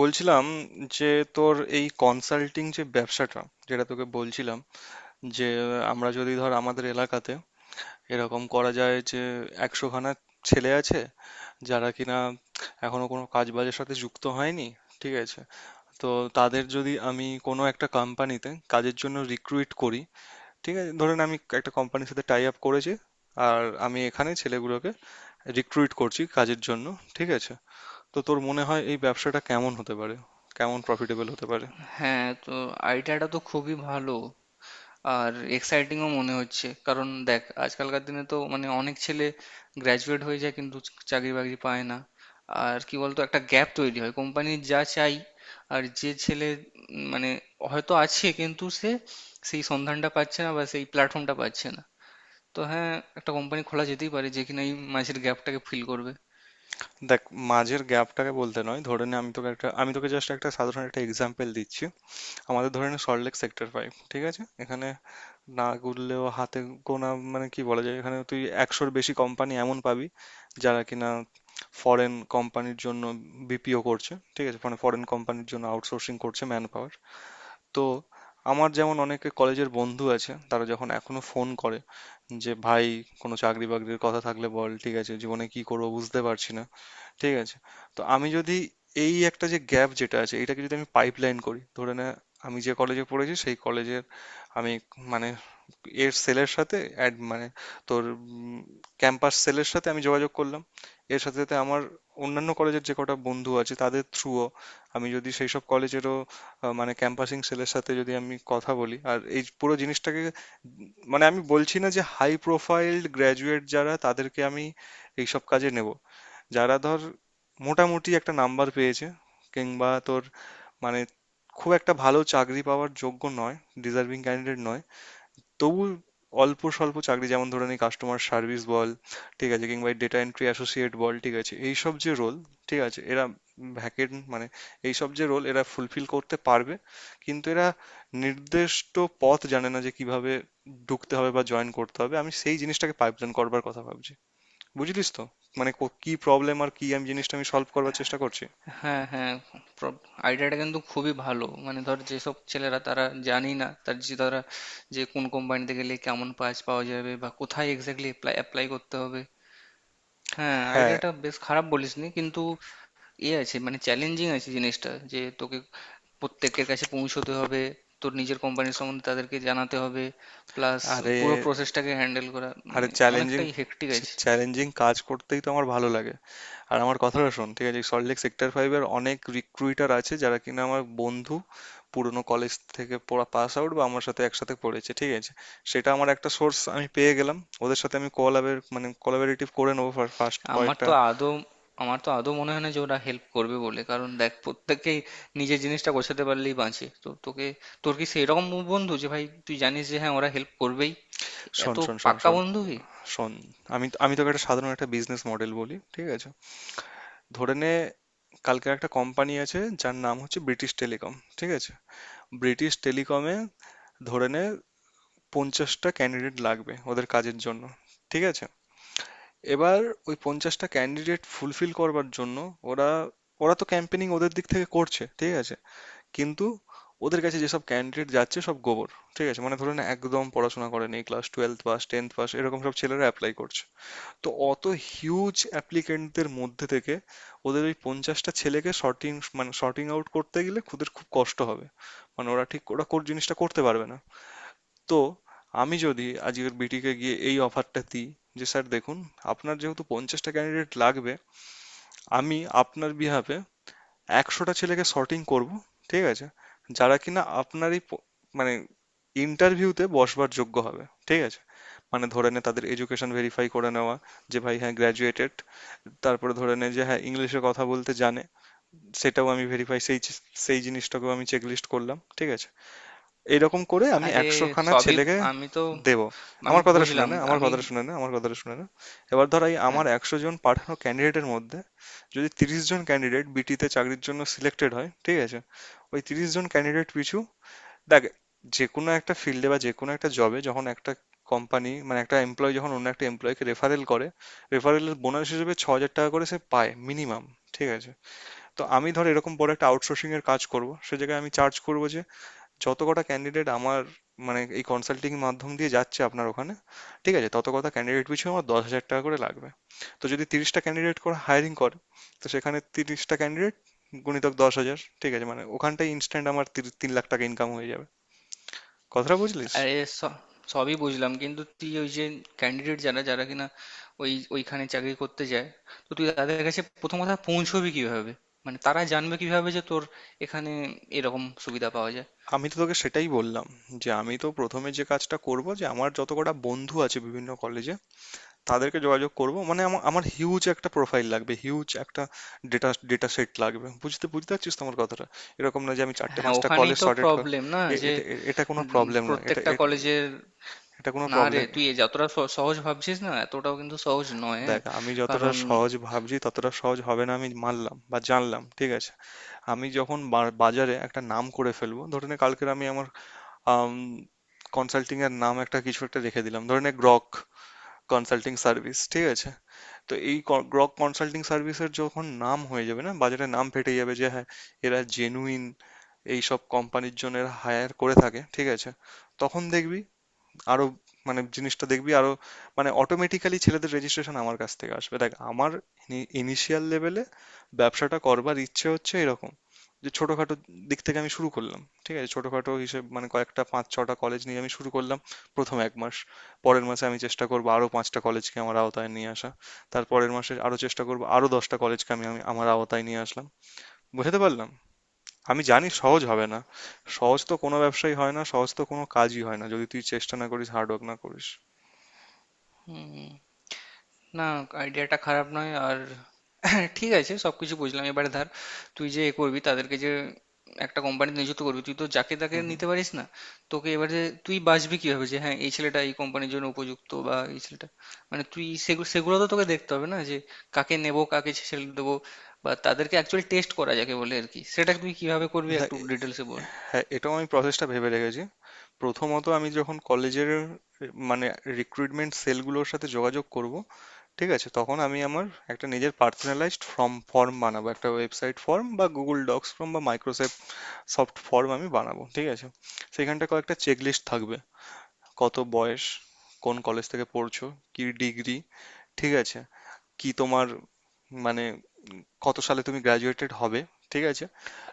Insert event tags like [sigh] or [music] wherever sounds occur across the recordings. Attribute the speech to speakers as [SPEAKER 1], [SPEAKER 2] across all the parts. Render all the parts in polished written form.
[SPEAKER 1] বলছিলাম যে তোর এই কনসাল্টিং যে ব্যবসাটা, যেটা তোকে বলছিলাম, যে আমরা যদি ধর আমাদের এলাকাতে এরকম করা যায় যে একশোখানা ছেলে আছে যারা কিনা এখনো কোনো কাজ বাজের সাথে যুক্ত হয়নি। ঠিক আছে, তো তাদের যদি আমি কোনো একটা কোম্পানিতে কাজের জন্য রিক্রুইট করি। ঠিক আছে, ধরেন আমি একটা কোম্পানির সাথে টাই আপ করেছি, আর আমি এখানে ছেলেগুলোকে রিক্রুইট করছি কাজের জন্য। ঠিক আছে, তো তোর মনে হয় এই ব্যবসাটা কেমন হতে পারে, কেমন প্রফিটেবল হতে পারে?
[SPEAKER 2] হ্যাঁ, তো আইডিয়াটা তো খুবই ভালো আর এক্সাইটিংও মনে হচ্ছে। কারণ দেখ, আজকালকার দিনে তো মানে অনেক ছেলে গ্র্যাজুয়েট হয়ে যায় কিন্তু চাকরি বাকরি পায় না। আর কি বলতো, একটা গ্যাপ তৈরি হয় কোম্পানির যা চাই আর যে ছেলে মানে হয়তো আছে কিন্তু সে সেই সন্ধানটা পাচ্ছে না বা সেই প্ল্যাটফর্মটা পাচ্ছে না। তো হ্যাঁ, একটা কোম্পানি খোলা যেতেই পারে যে কিনা এই মাঝের গ্যাপটাকে ফিল করবে।
[SPEAKER 1] দেখ, মাঝের গ্যাপটাকে বলতে নয়, ধরে নে, আমি তোকে জাস্ট একটা সাধারণ একটা এক্সাম্পল দিচ্ছি। আমাদের ধরে নে সল্টলেক সেক্টর ফাইভ, ঠিক আছে? এখানে না গুনলেও হাতে গোনা, মানে কি বলা যায়, এখানে তুই একশোর বেশি কোম্পানি এমন পাবি যারা কিনা ফরেন কোম্পানির জন্য বিপিও করছে। ঠিক আছে, মানে ফরেন কোম্পানির জন্য আউটসোর্সিং করছে ম্যান পাওয়ার। তো আমার যেমন অনেকে কলেজের বন্ধু আছে, তারা যখন এখনো ফোন করে যে ভাই কোনো চাকরি বাকরির কথা থাকলে বল, ঠিক আছে, জীবনে কি করবো বুঝতে পারছি না। ঠিক আছে? তো আমি যদি এই একটা যে গ্যাপ যেটা আছে এটাকে যদি আমি পাইপলাইন করি, ধরে নে আমি যে কলেজে পড়েছি সেই কলেজের আমি, মানে এর সেলের সাথে অ্যাড, মানে তোর ক্যাম্পাস সেলের সাথে আমি যোগাযোগ করলাম। এর সাথে সাথে আমার অন্যান্য কলেজের যে কটা বন্ধু আছে তাদের থ্রুও আমি যদি সেই সব কলেজেরও মানে ক্যাম্পাসিং সেলের সাথে যদি আমি কথা বলি আর এই পুরো জিনিসটাকে। মানে আমি বলছি না যে হাই প্রোফাইল গ্র্যাজুয়েট যারা তাদেরকে আমি এইসব কাজে নেব। যারা ধর মোটামুটি একটা নাম্বার পেয়েছে কিংবা তোর, মানে খুব একটা ভালো চাকরি পাওয়ার যোগ্য নয়, ডিজার্ভিং ক্যান্ডিডেট নয়, তবু অল্প স্বল্প চাকরি, যেমন ধরে নি কাস্টমার সার্ভিস বল, ঠিক আছে, কিংবা ডেটা এন্ট্রি অ্যাসোসিয়েট বল, ঠিক আছে, এইসব যে রোল, ঠিক আছে, এরা ভ্যাকেন্ট, মানে এইসব যে রোল এরা ফুলফিল করতে পারবে, কিন্তু এরা নির্দিষ্ট পথ জানে না যে কিভাবে ঢুকতে হবে বা জয়েন করতে হবে। আমি সেই জিনিসটাকে পাইপলাইন করবার কথা ভাবছি, বুঝলিস তো? মানে কি প্রবলেম আর কি আমি জিনিসটা আমি সলভ করার চেষ্টা করছি।
[SPEAKER 2] হ্যাঁ হ্যাঁ, আইডিয়াটা কিন্তু খুবই ভালো। মানে ধর, যেসব ছেলেরা তারা জানি না তারা যে কোন কোম্পানিতে গেলে কেমন কাজ পাওয়া যাবে বা কোথায় এক্স্যাক্টলি অ্যাপ্লাই অ্যাপ্লাই করতে হবে। হ্যাঁ,
[SPEAKER 1] হ্যাঁ,
[SPEAKER 2] আইডিয়াটা বেশ খারাপ বলিসনি কিন্তু এ আছে মানে চ্যালেঞ্জিং আছে জিনিসটা, যে তোকে প্রত্যেকের কাছে পৌঁছতে হবে, তোর নিজের কোম্পানির সম্বন্ধে তাদেরকে জানাতে হবে, প্লাস
[SPEAKER 1] আরে,
[SPEAKER 2] পুরো প্রসেসটাকে হ্যান্ডেল করা
[SPEAKER 1] আরে
[SPEAKER 2] মানে
[SPEAKER 1] চ্যালেঞ্জিং
[SPEAKER 2] অনেকটাই হেক্টিক আছে।
[SPEAKER 1] চ্যালেঞ্জিং কাজ করতেই তো আমার ভালো লাগে। আর আমার কথাটা শোন, ঠিক আছে, সল্টলেক সেক্টর ফাইভের অনেক রিক্রুইটার আছে যারা কিনা আমার বন্ধু, পুরনো কলেজ থেকে পড়া পাস আউট বা আমার সাথে একসাথে পড়েছে। ঠিক আছে, সেটা আমার একটা সোর্স আমি পেয়ে গেলাম। ওদের সাথে আমি কোলাবের, মানে কোলাবরেটিভ করে নেবো ফার্স্ট
[SPEAKER 2] আমার
[SPEAKER 1] কয়েকটা।
[SPEAKER 2] তো আদৌ আমার তো আদৌ মনে হয় না যে ওরা হেল্প করবে বলে। কারণ দেখ, প্রত্যেকেই নিজের জিনিসটা গোছাতে পারলেই বাঁচে। তো তোকে, তোর কি সেই রকম বন্ধু যে ভাই তুই জানিস যে হ্যাঁ ওরা হেল্প করবেই?
[SPEAKER 1] শোন
[SPEAKER 2] এত
[SPEAKER 1] শোন শোন
[SPEAKER 2] পাক্কা
[SPEAKER 1] শোন
[SPEAKER 2] বন্ধু কি?
[SPEAKER 1] শোন আমি আমি তোকে একটা সাধারণ একটা বিজনেস মডেল বলি, ঠিক আছে? ধরে নে কালকের একটা কোম্পানি আছে যার নাম হচ্ছে ব্রিটিশ টেলিকম। ঠিক আছে, ব্রিটিশ টেলিকমে ধরে নে পঞ্চাশটা ক্যান্ডিডেট লাগবে ওদের কাজের জন্য। ঠিক আছে, এবার ওই পঞ্চাশটা ক্যান্ডিডেট ফুলফিল করবার জন্য ওরা ওরা তো ক্যাম্পেনিং ওদের দিক থেকে করছে। ঠিক আছে, কিন্তু ওদের কাছে যেসব ক্যান্ডিডেট যাচ্ছে সব গোবর। ঠিক আছে, মানে ধরে নে একদম পড়াশোনা করেনি, class twelve pass, tenth pass, এরকম সব ছেলেরা অ্যাপ্লাই করছে। তো অত হিউজ অ্যাপ্লিকেন্টদের মধ্যে থেকে ওদের ওই পঞ্চাশটা ছেলেকে সর্টিং, মানে সর্টিং আউট করতে গেলে ওদের খুব কষ্ট হবে। মানে ওরা ঠিক, ওরা কোর জিনিসটা করতে পারবে না। তো আমি যদি আজকের বিটিকে গিয়ে এই অফারটা দিই যে স্যার দেখুন, আপনার যেহেতু পঞ্চাশটা ক্যান্ডিডেট লাগবে, আমি আপনার বিহাফে একশোটা ছেলেকে সর্টিং করব। ঠিক আছে, যারা কিনা আপনার এই মানে ইন্টারভিউতে বসবার যোগ্য হবে। ঠিক আছে, মানে ধরে নে তাদের এডুকেশন ভেরিফাই করে নেওয়া, যে ভাই হ্যাঁ গ্র্যাজুয়েটেড, তারপরে ধরে নে যে হ্যাঁ ইংলিশে কথা বলতে জানে, সেটাও আমি ভেরিফাই, সেই সেই জিনিসটাকেও আমি চেকলিস্ট করলাম। ঠিক আছে, এইরকম করে আমি
[SPEAKER 2] আরে
[SPEAKER 1] একশোখানা
[SPEAKER 2] সবই
[SPEAKER 1] ছেলেকে
[SPEAKER 2] আমি তো
[SPEAKER 1] দেব।
[SPEAKER 2] আমি
[SPEAKER 1] আমার কথাটা শুনে
[SPEAKER 2] বুঝলাম
[SPEAKER 1] না, আমার
[SPEAKER 2] আমি।
[SPEAKER 1] কথাটা শুনে না, আমার কথাটা শুনে না। এবার ধর এই আমার
[SPEAKER 2] হ্যাঁ,
[SPEAKER 1] একশো জন পাঠানো ক্যান্ডিডেটের মধ্যে যদি তিরিশ জন ক্যান্ডিডেট বিটিতে চাকরির জন্য সিলেক্টেড হয়। ঠিক আছে, ওই তিরিশ জন ক্যান্ডিডেট পিছু, দেখ, যেকোনো একটা ফিল্ডে বা যেকোনো একটা জবে যখন একটা কোম্পানি, মানে একটা এমপ্লয় যখন অন্য একটা এমপ্লয়কে রেফারেল করে, রেফারেলের বোনাস হিসেবে ছ হাজার টাকা করে সে পায় মিনিমাম। ঠিক আছে, তো আমি ধর এরকম বড় একটা আউটসোর্সিং এর কাজ করব, সে জায়গায় আমি চার্জ করব যে যত কটা ক্যান্ডিডেট আমার, মানে এই কনসাল্টিং মাধ্যম দিয়ে যাচ্ছে আপনার ওখানে, ঠিক আছে, তত কটা ক্যান্ডিডেট পিছু আমার দশ হাজার টাকা করে লাগবে। তো যদি তিরিশটা ক্যান্ডিডেট করে হায়ারিং করে, তো সেখানে তিরিশটা ক্যান্ডিডেট গুণিতক দশ হাজার, ঠিক আছে, মানে ওখানটায় ইনস্ট্যান্ট আমার তিন লাখ টাকা ইনকাম হয়ে যাবে। কথাটা বুঝলিস?
[SPEAKER 2] আরে স- সবই বুঝলাম, কিন্তু তুই ওই যে ক্যান্ডিডেট যারা যারা কিনা ওই ওইখানে চাকরি করতে যায়, তো তুই তাদের কাছে প্রথম কথা পৌঁছবি কিভাবে? মানে তারা জানবে কিভাবে যে তোর এখানে এরকম সুবিধা পাওয়া যায়?
[SPEAKER 1] আমি তো তোকে সেটাই বললাম যে আমি তো প্রথমে যে কাজটা করব যে আমার যত কটা বন্ধু আছে বিভিন্ন কলেজে তাদেরকে যোগাযোগ করব। মানে আমার আমার হিউজ একটা প্রোফাইল লাগবে, হিউজ একটা ডেটা ডেটা সেট লাগবে, বুঝতে বুঝতে পারছিস তোমার কথাটা? এরকম না যে আমি চারটে
[SPEAKER 2] হ্যাঁ,
[SPEAKER 1] পাঁচটা
[SPEAKER 2] ওখানেই
[SPEAKER 1] কলেজ
[SPEAKER 2] তো
[SPEAKER 1] সর্টেড কর।
[SPEAKER 2] প্রবলেম না
[SPEAKER 1] এ-
[SPEAKER 2] যে
[SPEAKER 1] এটা এ- এটা কোনো প্রবলেম নয়, এটা
[SPEAKER 2] প্রত্যেকটা
[SPEAKER 1] এটা
[SPEAKER 2] কলেজের।
[SPEAKER 1] এটা কোনো
[SPEAKER 2] না রে,
[SPEAKER 1] প্রবলেম।
[SPEAKER 2] তুই এ যতটা সহজ ভাবছিস না, এতটাও কিন্তু সহজ নয়। হ্যাঁ
[SPEAKER 1] দেখ, আমি যতটা
[SPEAKER 2] কারণ
[SPEAKER 1] সহজ ভাবছি ততটা সহজ হবে না, আমি মানলাম বা জানলাম। ঠিক আছে, আমি যখন বাজারে একটা নাম করে ফেলবো, ধরে নে কালকের আমি আমার আম কনসাল্টিং এর নাম একটা কিছু একটা রেখে দিলাম, ধরে নে গ্রক কনসাল্টিং সার্ভিস। ঠিক আছে, তো এই গ্রক কনসাল্টিং সার্ভিসের যখন নাম হয়ে যাবে না, বাজারে নাম ফেটে যাবে, যে হ্যাঁ এরা জেনুইন এইসব কোম্পানির জন্য হায়ার করে থাকে। ঠিক আছে, তখন দেখবি আরো, মানে জিনিসটা দেখবি আরো, মানে অটোমেটিক্যালি ছেলেদের রেজিস্ট্রেশন আমার কাছ থেকে আসবে। দেখ, আমার ইনিশিয়াল লেভেলে ব্যবসাটা করবার ইচ্ছে হচ্ছে এরকম, যে ছোটখাটো দিক থেকে আমি শুরু করলাম। ঠিক আছে, ছোটখাটো হিসেব, মানে কয়েকটা পাঁচ ছটা কলেজ নিয়ে আমি শুরু করলাম প্রথম এক মাস। পরের মাসে আমি চেষ্টা করবো আরো পাঁচটা কলেজকে আমার আওতায় নিয়ে আসা, তারপরের মাসে আরো চেষ্টা করবো আরো দশটা কলেজকে আমি আমি আমার আওতায় নিয়ে আসলাম। বুঝতে পারলাম, আমি জানি সহজ হবে না। সহজ তো কোনো ব্যবসাই হয় না, সহজ তো কোনো কাজই হয় না যদি তুই চেষ্টা না করিস, হার্ড ওয়ার্ক না করিস।
[SPEAKER 2] উম, না, আইডিয়াটা খারাপ নয় আর [laughs] ঠিক আছে, সবকিছু বুঝলাম। এবারে ধর, তুই যে এ করবি, তাদেরকে যে একটা কোম্পানিতে নিযুক্ত করবি, তুই তো যাকে তাকে
[SPEAKER 1] হুম, হুম।
[SPEAKER 2] নিতে পারিস না। তোকে এবারে তুই বাছবি কিভাবে যে হ্যাঁ এই ছেলেটা এই কোম্পানির জন্য উপযুক্ত বা এই ছেলেটা মানে তুই সেগুলো সেগুলো তো তোকে দেখতে হবে না যে কাকে নেব কাকে ছেড়ে দেবো, বা তাদেরকে অ্যাকচুয়ালি টেস্ট করা যাকে বলে আর কি, সেটা তুই কিভাবে করবি
[SPEAKER 1] না,
[SPEAKER 2] একটু ডিটেলসে বল।
[SPEAKER 1] হ্যাঁ, এটাও আমি প্রসেসটা ভেবে রেখেছি। প্রথমত আমি যখন কলেজের, মানে রিক্রুটমেন্ট সেলগুলোর সাথে যোগাযোগ করব, ঠিক আছে? তখন আমি আমার একটা নিজের পার্সোনালাইজড ফর্ম ফর্ম বানাবো। একটা ওয়েবসাইট ফর্ম বা Google Docs ফর্ম বা Microsoft সফট ফর্ম আমি বানাবো, ঠিক আছে? সেখানটায় কয়েকটা চেকলিস্ট থাকবে। কত বয়স, কোন কলেজ থেকে পড়ছো, কি ডিগ্রি, ঠিক আছে? কি তোমার, মানে কত সালে তুমি গ্র্যাজুয়েটেড হবে, ঠিক আছে?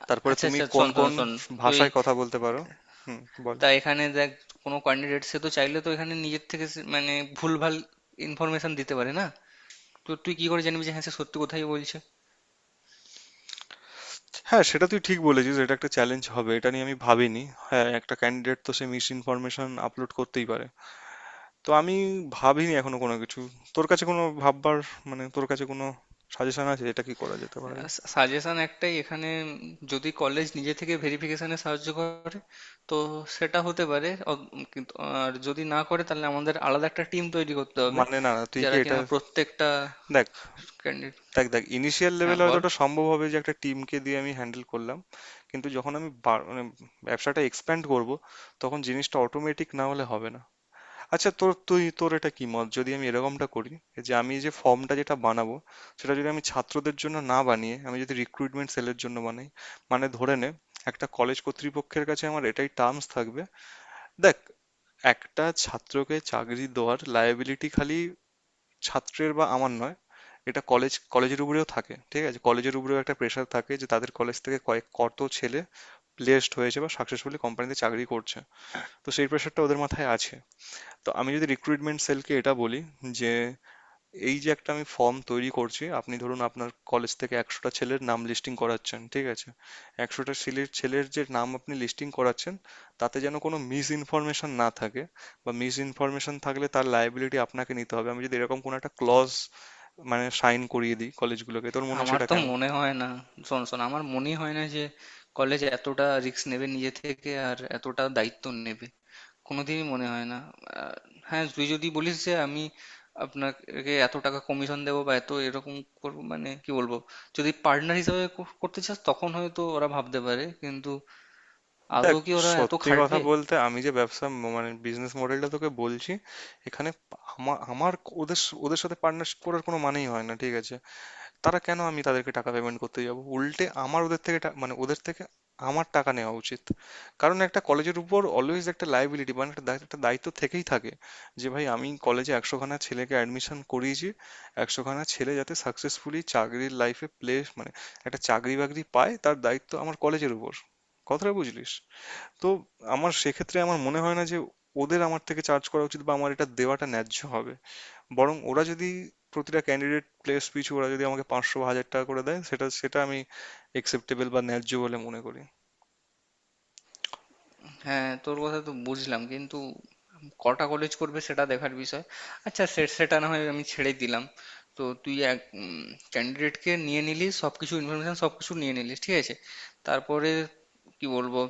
[SPEAKER 1] তারপরে
[SPEAKER 2] আচ্ছা
[SPEAKER 1] তুমি
[SPEAKER 2] আচ্ছা,
[SPEAKER 1] কোন
[SPEAKER 2] শোন শোন
[SPEAKER 1] কোন
[SPEAKER 2] শোন তুই।
[SPEAKER 1] ভাষায় কথা বলতে পারো। হুম, বল।
[SPEAKER 2] তা এখানে দেখ, কোনো ক্যান্ডিডেট সে তো চাইলে তো এখানে নিজের থেকে মানে ভুলভাল ইনফরমেশন দিতে পারে না? তো তুই কি করে জানবি যে হ্যাঁ সে সত্যি কোথায় বলছে?
[SPEAKER 1] হ্যাঁ, সেটা তুই ঠিক বলেছিস, এটা একটা চ্যালেঞ্জ হবে, এটা নিয়ে আমি ভাবিনি। হ্যাঁ, একটা ক্যান্ডিডেট তো সে মিস ইনফরমেশন আপলোড করতেই পারে। তো আমি ভাবিনি এখনো কোনো কিছু। তোর কাছে কোনো ভাববার, মানে তোর কাছে কোনো সাজেশন আছে, এটা কি করা যেতে পারে?
[SPEAKER 2] সাজেশন একটাই এখানে, যদি কলেজ নিজে থেকে ভেরিফিকেশনে সাহায্য করে তো সেটা হতে পারে কিন্তু আর যদি না করে তাহলে আমাদের আলাদা একটা টিম তৈরি করতে হবে
[SPEAKER 1] মানে না না, তুই কি
[SPEAKER 2] যারা
[SPEAKER 1] এটা,
[SPEAKER 2] কিনা প্রত্যেকটা
[SPEAKER 1] দেখ,
[SPEAKER 2] ক্যান্ডিডেট।
[SPEAKER 1] দেখ ইনিশিয়াল
[SPEAKER 2] হ্যাঁ
[SPEAKER 1] লেভেলে হয়তো
[SPEAKER 2] বল।
[SPEAKER 1] ওটা সম্ভব হবে যে একটা টিমকে দিয়ে আমি হ্যান্ডেল করলাম, কিন্তু যখন আমি মানে ব্যবসাটা এক্সপ্যান্ড করব, তখন জিনিসটা অটোমেটিক না হলে হবে না। আচ্ছা তোর, তুই তোর এটা কি মত যদি আমি এরকমটা করি, যে আমি যে ফর্মটা যেটা বানাবো সেটা যদি আমি ছাত্রদের জন্য না বানিয়ে আমি যদি রিক্রুটমেন্ট সেলের জন্য বানাই? মানে ধরে নে একটা কলেজ কর্তৃপক্ষের কাছে আমার এটাই টার্মস থাকবে। দেখ, একটা ছাত্রকে চাকরি দেওয়ার লায়াবিলিটি খালি ছাত্রের বা আমার নয়, এটা কলেজের উপরেও থাকে। ঠিক আছে, কলেজের উপরেও একটা প্রেশার থাকে, যে তাদের কলেজ থেকে কয়েক কত ছেলে প্লেসড হয়েছে বা সাকসেসফুলি কোম্পানিতে চাকরি করছে। তো সেই প্রেশারটা ওদের মাথায় আছে। তো আমি যদি রিক্রুটমেন্ট সেলকে এটা বলি যে এই যে একটা আমি ফর্ম তৈরি করছি, আপনি ধরুন আপনার কলেজ থেকে একশোটা ছেলের নাম লিস্টিং করাচ্ছেন, ঠিক আছে, একশোটা ছেলের ছেলের যে নাম আপনি লিস্টিং করাচ্ছেন তাতে যেন কোনো মিস ইনফরমেশন না থাকে, বা মিস ইনফরমেশন থাকলে তার লাইবিলিটি আপনাকে নিতে হবে। আমি যদি এরকম কোনো একটা ক্লজ, মানে শাইন করিয়ে দিই কলেজগুলোকে, তোর মনে হয়
[SPEAKER 2] আমার
[SPEAKER 1] সেটা
[SPEAKER 2] তো
[SPEAKER 1] কেমন?
[SPEAKER 2] মনে হয় না। শোন শোন আমার মনে হয় না যে কলেজ এতটা রিস্ক নেবে নিজে থেকে আর এতটা দায়িত্ব নেবে, কোনোদিনই মনে হয় না। আহ, হ্যাঁ তুই যদি বলিস যে আমি আপনাকে এত টাকা কমিশন দেবো বা এত এরকম করবো মানে কি বলবো, যদি পার্টনার হিসেবে করতে চাস তখন হয়তো ওরা ভাবতে পারে, কিন্তু
[SPEAKER 1] দেখ,
[SPEAKER 2] আদৌ কি ওরা এত
[SPEAKER 1] সত্যি কথা
[SPEAKER 2] খাটবে?
[SPEAKER 1] বলতে আমি যে ব্যবসা মানে বিজনেস মডেলটা তোকে বলছি, এখানে আমার আমার ওদের ওদের সাথে পার্টনারশিপ করার কোনো মানেই হয় না। ঠিক আছে, তারা কেন, আমি তাদেরকে টাকা পেমেন্ট করতে যাব? উল্টে আমার ওদের থেকে মানে ওদের থেকে আমার টাকা নেওয়া উচিত। কারণ একটা কলেজের উপর অলওয়েজ একটা লাইবিলিটি, মানে একটা একটা দায়িত্ব থেকেই থাকে, যে ভাই আমি কলেজে একশোখানা ছেলেকে অ্যাডমিশন করিয়েছি, একশোখানা ছেলে যাতে সাকসেসফুলি চাকরির লাইফে প্লেস, মানে একটা চাকরি বাকরি পায় তার দায়িত্ব আমার কলেজের উপর। কথাটা বুঝলিস তো? আমার সেক্ষেত্রে আমার মনে হয় না যে ওদের আমার থেকে চার্জ করা উচিত বা আমার এটা দেওয়াটা ন্যায্য হবে, বরং ওরা যদি প্রতিটা ক্যান্ডিডেট প্লেস পিছু ওরা যদি আমাকে পাঁচশো বা হাজার টাকা করে দেয়, সেটা সেটা আমি একসেপ্টেবল বা ন্যায্য বলে মনে করি।
[SPEAKER 2] হ্যাঁ, তোর কথা তো বুঝলাম কিন্তু কটা কলেজ করবে সেটা দেখার বিষয়। আচ্ছা, সেটা না হয় আমি ছেড়ে দিলাম। তো তুই এক ক্যান্ডিডেটকে নিয়ে নিলি, সবকিছু ইনফরমেশন সবকিছু নিয়ে নিলি, ঠিক আছে। তারপরে কি বলবো,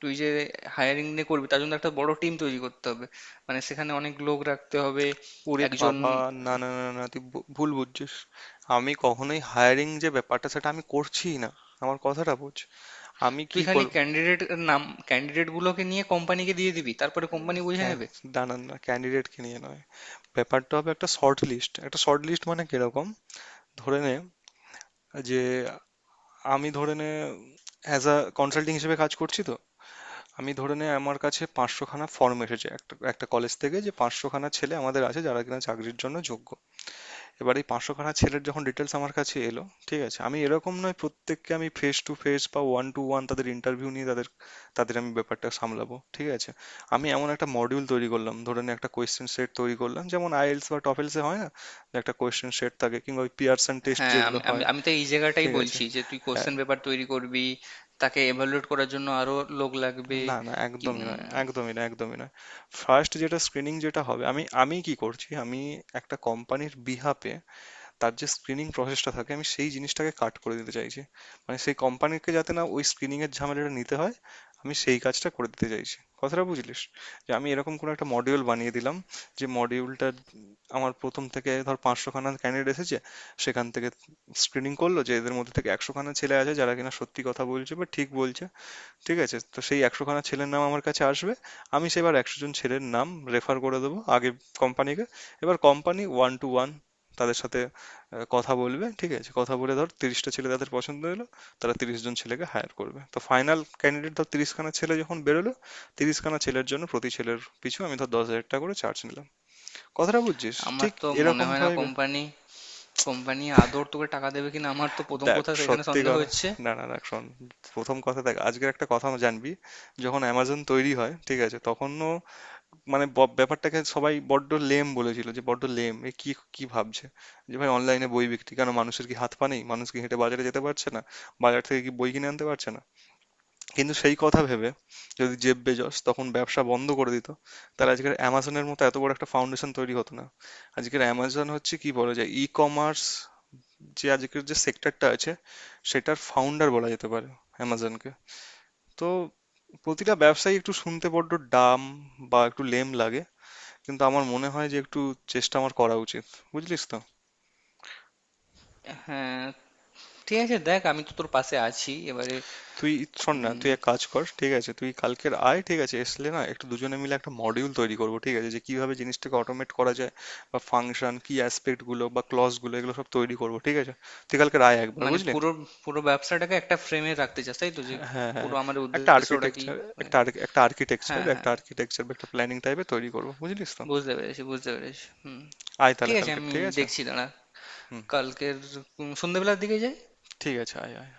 [SPEAKER 2] তুই যে হায়ারিং নিয়ে করবি তার জন্য একটা বড় টিম তৈরি করতে হবে, মানে সেখানে অনেক লোক রাখতে হবে।
[SPEAKER 1] ওরে
[SPEAKER 2] একজন
[SPEAKER 1] বাবা, না না না না, তুই ভুল বুঝছিস। আমি কখনোই হায়ারিং যে ব্যাপারটা সেটা আমি করছিই না। আমার কথাটা বোঝ, আমি
[SPEAKER 2] তুই
[SPEAKER 1] কি
[SPEAKER 2] খালি
[SPEAKER 1] করব।
[SPEAKER 2] ক্যান্ডিডেট নাম, ক্যান্ডিডেট গুলোকে নিয়ে কোম্পানিকে দিয়ে দিবি তারপরে কোম্পানি বুঝে
[SPEAKER 1] ক্যা-
[SPEAKER 2] নেবে।
[SPEAKER 1] দাঁড়ান না, ক্যান্ডিডেটকে নিয়ে নয়। ব্যাপারটা হবে একটা শর্ট লিস্ট, একটা শর্ট লিস্ট মানে কিরকম, ধরে নে যে আমি ধরে নে অ্যাজ আ কনসাল্টিং হিসেবে কাজ করছি। তো আমি ধরে নে আমার কাছে পাঁচশোখানা ফর্ম এসেছে একটা একটা কলেজ থেকে, যে পাঁচশোখানা ছেলে আমাদের আছে যারা কিনা চাকরির জন্য যোগ্য। এবার এই পাঁচশোখানা ছেলের যখন ডিটেলস আমার কাছে এলো, ঠিক আছে, আমি এরকম নয় প্রত্যেককে আমি ফেস টু ফেস বা ওয়ান টু ওয়ান তাদের ইন্টারভিউ নিয়ে তাদের তাদের আমি ব্যাপারটা সামলাবো। ঠিক আছে, আমি এমন একটা মডিউল তৈরি করলাম, ধরে নে একটা কোয়েশ্চেন সেট তৈরি করলাম, যেমন আইএলস বা টফেলসে হয় না, যে একটা কোয়েশ্চেন সেট থাকে, কিংবা ওই পিয়ারসন টেস্ট
[SPEAKER 2] হ্যাঁ,
[SPEAKER 1] যেগুলো
[SPEAKER 2] আমি আমি
[SPEAKER 1] হয়,
[SPEAKER 2] আমি তো এই জায়গাটাই
[SPEAKER 1] ঠিক আছে।
[SPEAKER 2] বলছি যে তুই কোশ্চেন পেপার তৈরি করবি, তাকে এভালুয়েট করার জন্য আরো লোক লাগবে।
[SPEAKER 1] না, না
[SPEAKER 2] কি
[SPEAKER 1] একদমই নয়, একদমই না, একদমই নয়। ফার্স্ট যেটা স্ক্রিনিং যেটা হবে, আমি আমি কি করছি, আমি একটা কোম্পানির বিহাফে তার যে স্ক্রিনিং প্রসেসটা থাকে আমি সেই জিনিসটাকে কাট করে দিতে চাইছি। মানে সেই কোম্পানিকে যাতে না ওই স্ক্রিনিং এর ঝামেলাটা নিতে হয়, আমি সেই কাজটা করে দিতে চাইছি। কথাটা বুঝলিস? যে আমি এরকম কোনো একটা মডিউল বানিয়ে দিলাম, যে মডিউলটা আমার প্রথম থেকে ধর পাঁচশো খানা ক্যান্ডিডেট এসেছে, সেখান থেকে স্ক্রিনিং করলো যে এদের মধ্যে থেকে একশো খানা ছেলে আছে যারা কিনা সত্যি কথা বলছে বা ঠিক বলছে। ঠিক আছে? তো সেই ১০০ খানা ছেলের নাম আমার কাছে আসবে। আমি সেবার ১০০ জন ছেলের নাম রেফার করে দেবো আগে কোম্পানিকে। এবার কোম্পানি one to one তাদের সাথে কথা বলবে, ঠিক আছে? কথা বলে ধর ৩০ টা ছেলে তাদের পছন্দ হলো, তারা ৩০ জন ছেলেকে হায়ার করবে। তো ফাইনাল ক্যান্ডিডেট ধর ৩০ খানা ছেলে যখন বেরোলো, ৩০ খানা ছেলের জন্য প্রতি ছেলের পিছু আমি ধর ৳১০,০০০ করে চার্জ নিলাম। কথাটা বুঝছিস?
[SPEAKER 2] আমার
[SPEAKER 1] ঠিক
[SPEAKER 2] তো মনে হয় না
[SPEAKER 1] এরকমভাবেই
[SPEAKER 2] কোম্পানি, কোম্পানি আদর তোকে টাকা দেবে কিনা আমার তো প্রথম
[SPEAKER 1] দেখ,
[SPEAKER 2] কথা সেখানে
[SPEAKER 1] সত্যি
[SPEAKER 2] সন্দেহ
[SPEAKER 1] কথা,
[SPEAKER 2] হচ্ছে।
[SPEAKER 1] না, না, দেখ শোন, ১ম কথা দেখ, আজকের একটা কথা জানবি, যখন Amazon তৈরি হয়, ঠিক আছে? তখনও, মানে ব্যাপারটাকে সবাই বড্ড লেম বলেছিল, যে বড্ড লেম, এ কি কি ভাবছে, যে ভাই অনলাইনে বই বিক্রি, কেন মানুষের কি হাত পা নেই? মানুষ কি হেঁটে বাজারে যেতে পারছে না, বাজার থেকে কি বই কিনে আনতে পারছে না? কিন্তু সেই কথা ভেবে যদি জেব বেজস তখন ব্যবসা বন্ধ করে দিত, তাহলে আজকের অ্যামাজনের মতো এত বড় একটা ফাউন্ডেশন তৈরি হতো না। আজকের অ্যামাজন হচ্ছে, কি বলা যায়, ই কমার্স, যে আজকের যে সেক্টরটা আছে সেটার ফাউন্ডার বলা যেতে পারে অ্যামাজনকে। তো প্রতিটা ব্যবসায়ী একটু শুনতে বড্ড ডাম বা একটু লেম লাগে, কিন্তু আমার মনে হয় যে একটু চেষ্টা আমার করা উচিত, বুঝলিস তো।
[SPEAKER 2] হ্যাঁ ঠিক আছে, দেখ আমি তো তোর পাশে আছি এবারে।
[SPEAKER 1] তুই শোন না,
[SPEAKER 2] উম,
[SPEAKER 1] তুই এক কাজ কর, ঠিক আছে, তুই কালকের আয়, ঠিক আছে, এসলে না, একটু দুজনে মিলে একটা মডিউল তৈরি করবো, ঠিক আছে, যে কিভাবে জিনিসটাকে অটোমেট করা যায়, বা ফাংশন কি অ্যাসপেক্ট গুলো বা ক্লজ গুলো, এগুলো সব তৈরি করবো, ঠিক আছে? তুই কালকের আয় একবার,
[SPEAKER 2] মানে
[SPEAKER 1] বুঝলি?
[SPEAKER 2] পুরো পুরো ব্যবসাটাকে একটা ফ্রেমে রাখতে চাস তাই তো, যে
[SPEAKER 1] হ্যাঁ, হ্যাঁ,
[SPEAKER 2] পুরো আমাদের
[SPEAKER 1] একটা
[SPEAKER 2] উদ্দেশ্যটা কি?
[SPEAKER 1] আর্কিটেকচার, একটা একটা আর্কিটেকচার,
[SPEAKER 2] হ্যাঁ
[SPEAKER 1] একটা
[SPEAKER 2] হ্যাঁ,
[SPEAKER 1] আর্কিটেকচার বা একটা প্ল্যানিং টাইপের তৈরি করবো, বুঝলিস তো।
[SPEAKER 2] বুঝতে পেরেছি বুঝতে পেরেছি। হুম,
[SPEAKER 1] আয় তাহলে
[SPEAKER 2] ঠিক আছে,
[SPEAKER 1] কালকে,
[SPEAKER 2] আমি
[SPEAKER 1] ঠিক আছে।
[SPEAKER 2] দেখছি দাঁড়া।
[SPEAKER 1] হুম,
[SPEAKER 2] কালকের সন্ধ্যেবেলার দিকে যাই।
[SPEAKER 1] ঠিক আছে, আয় আয়।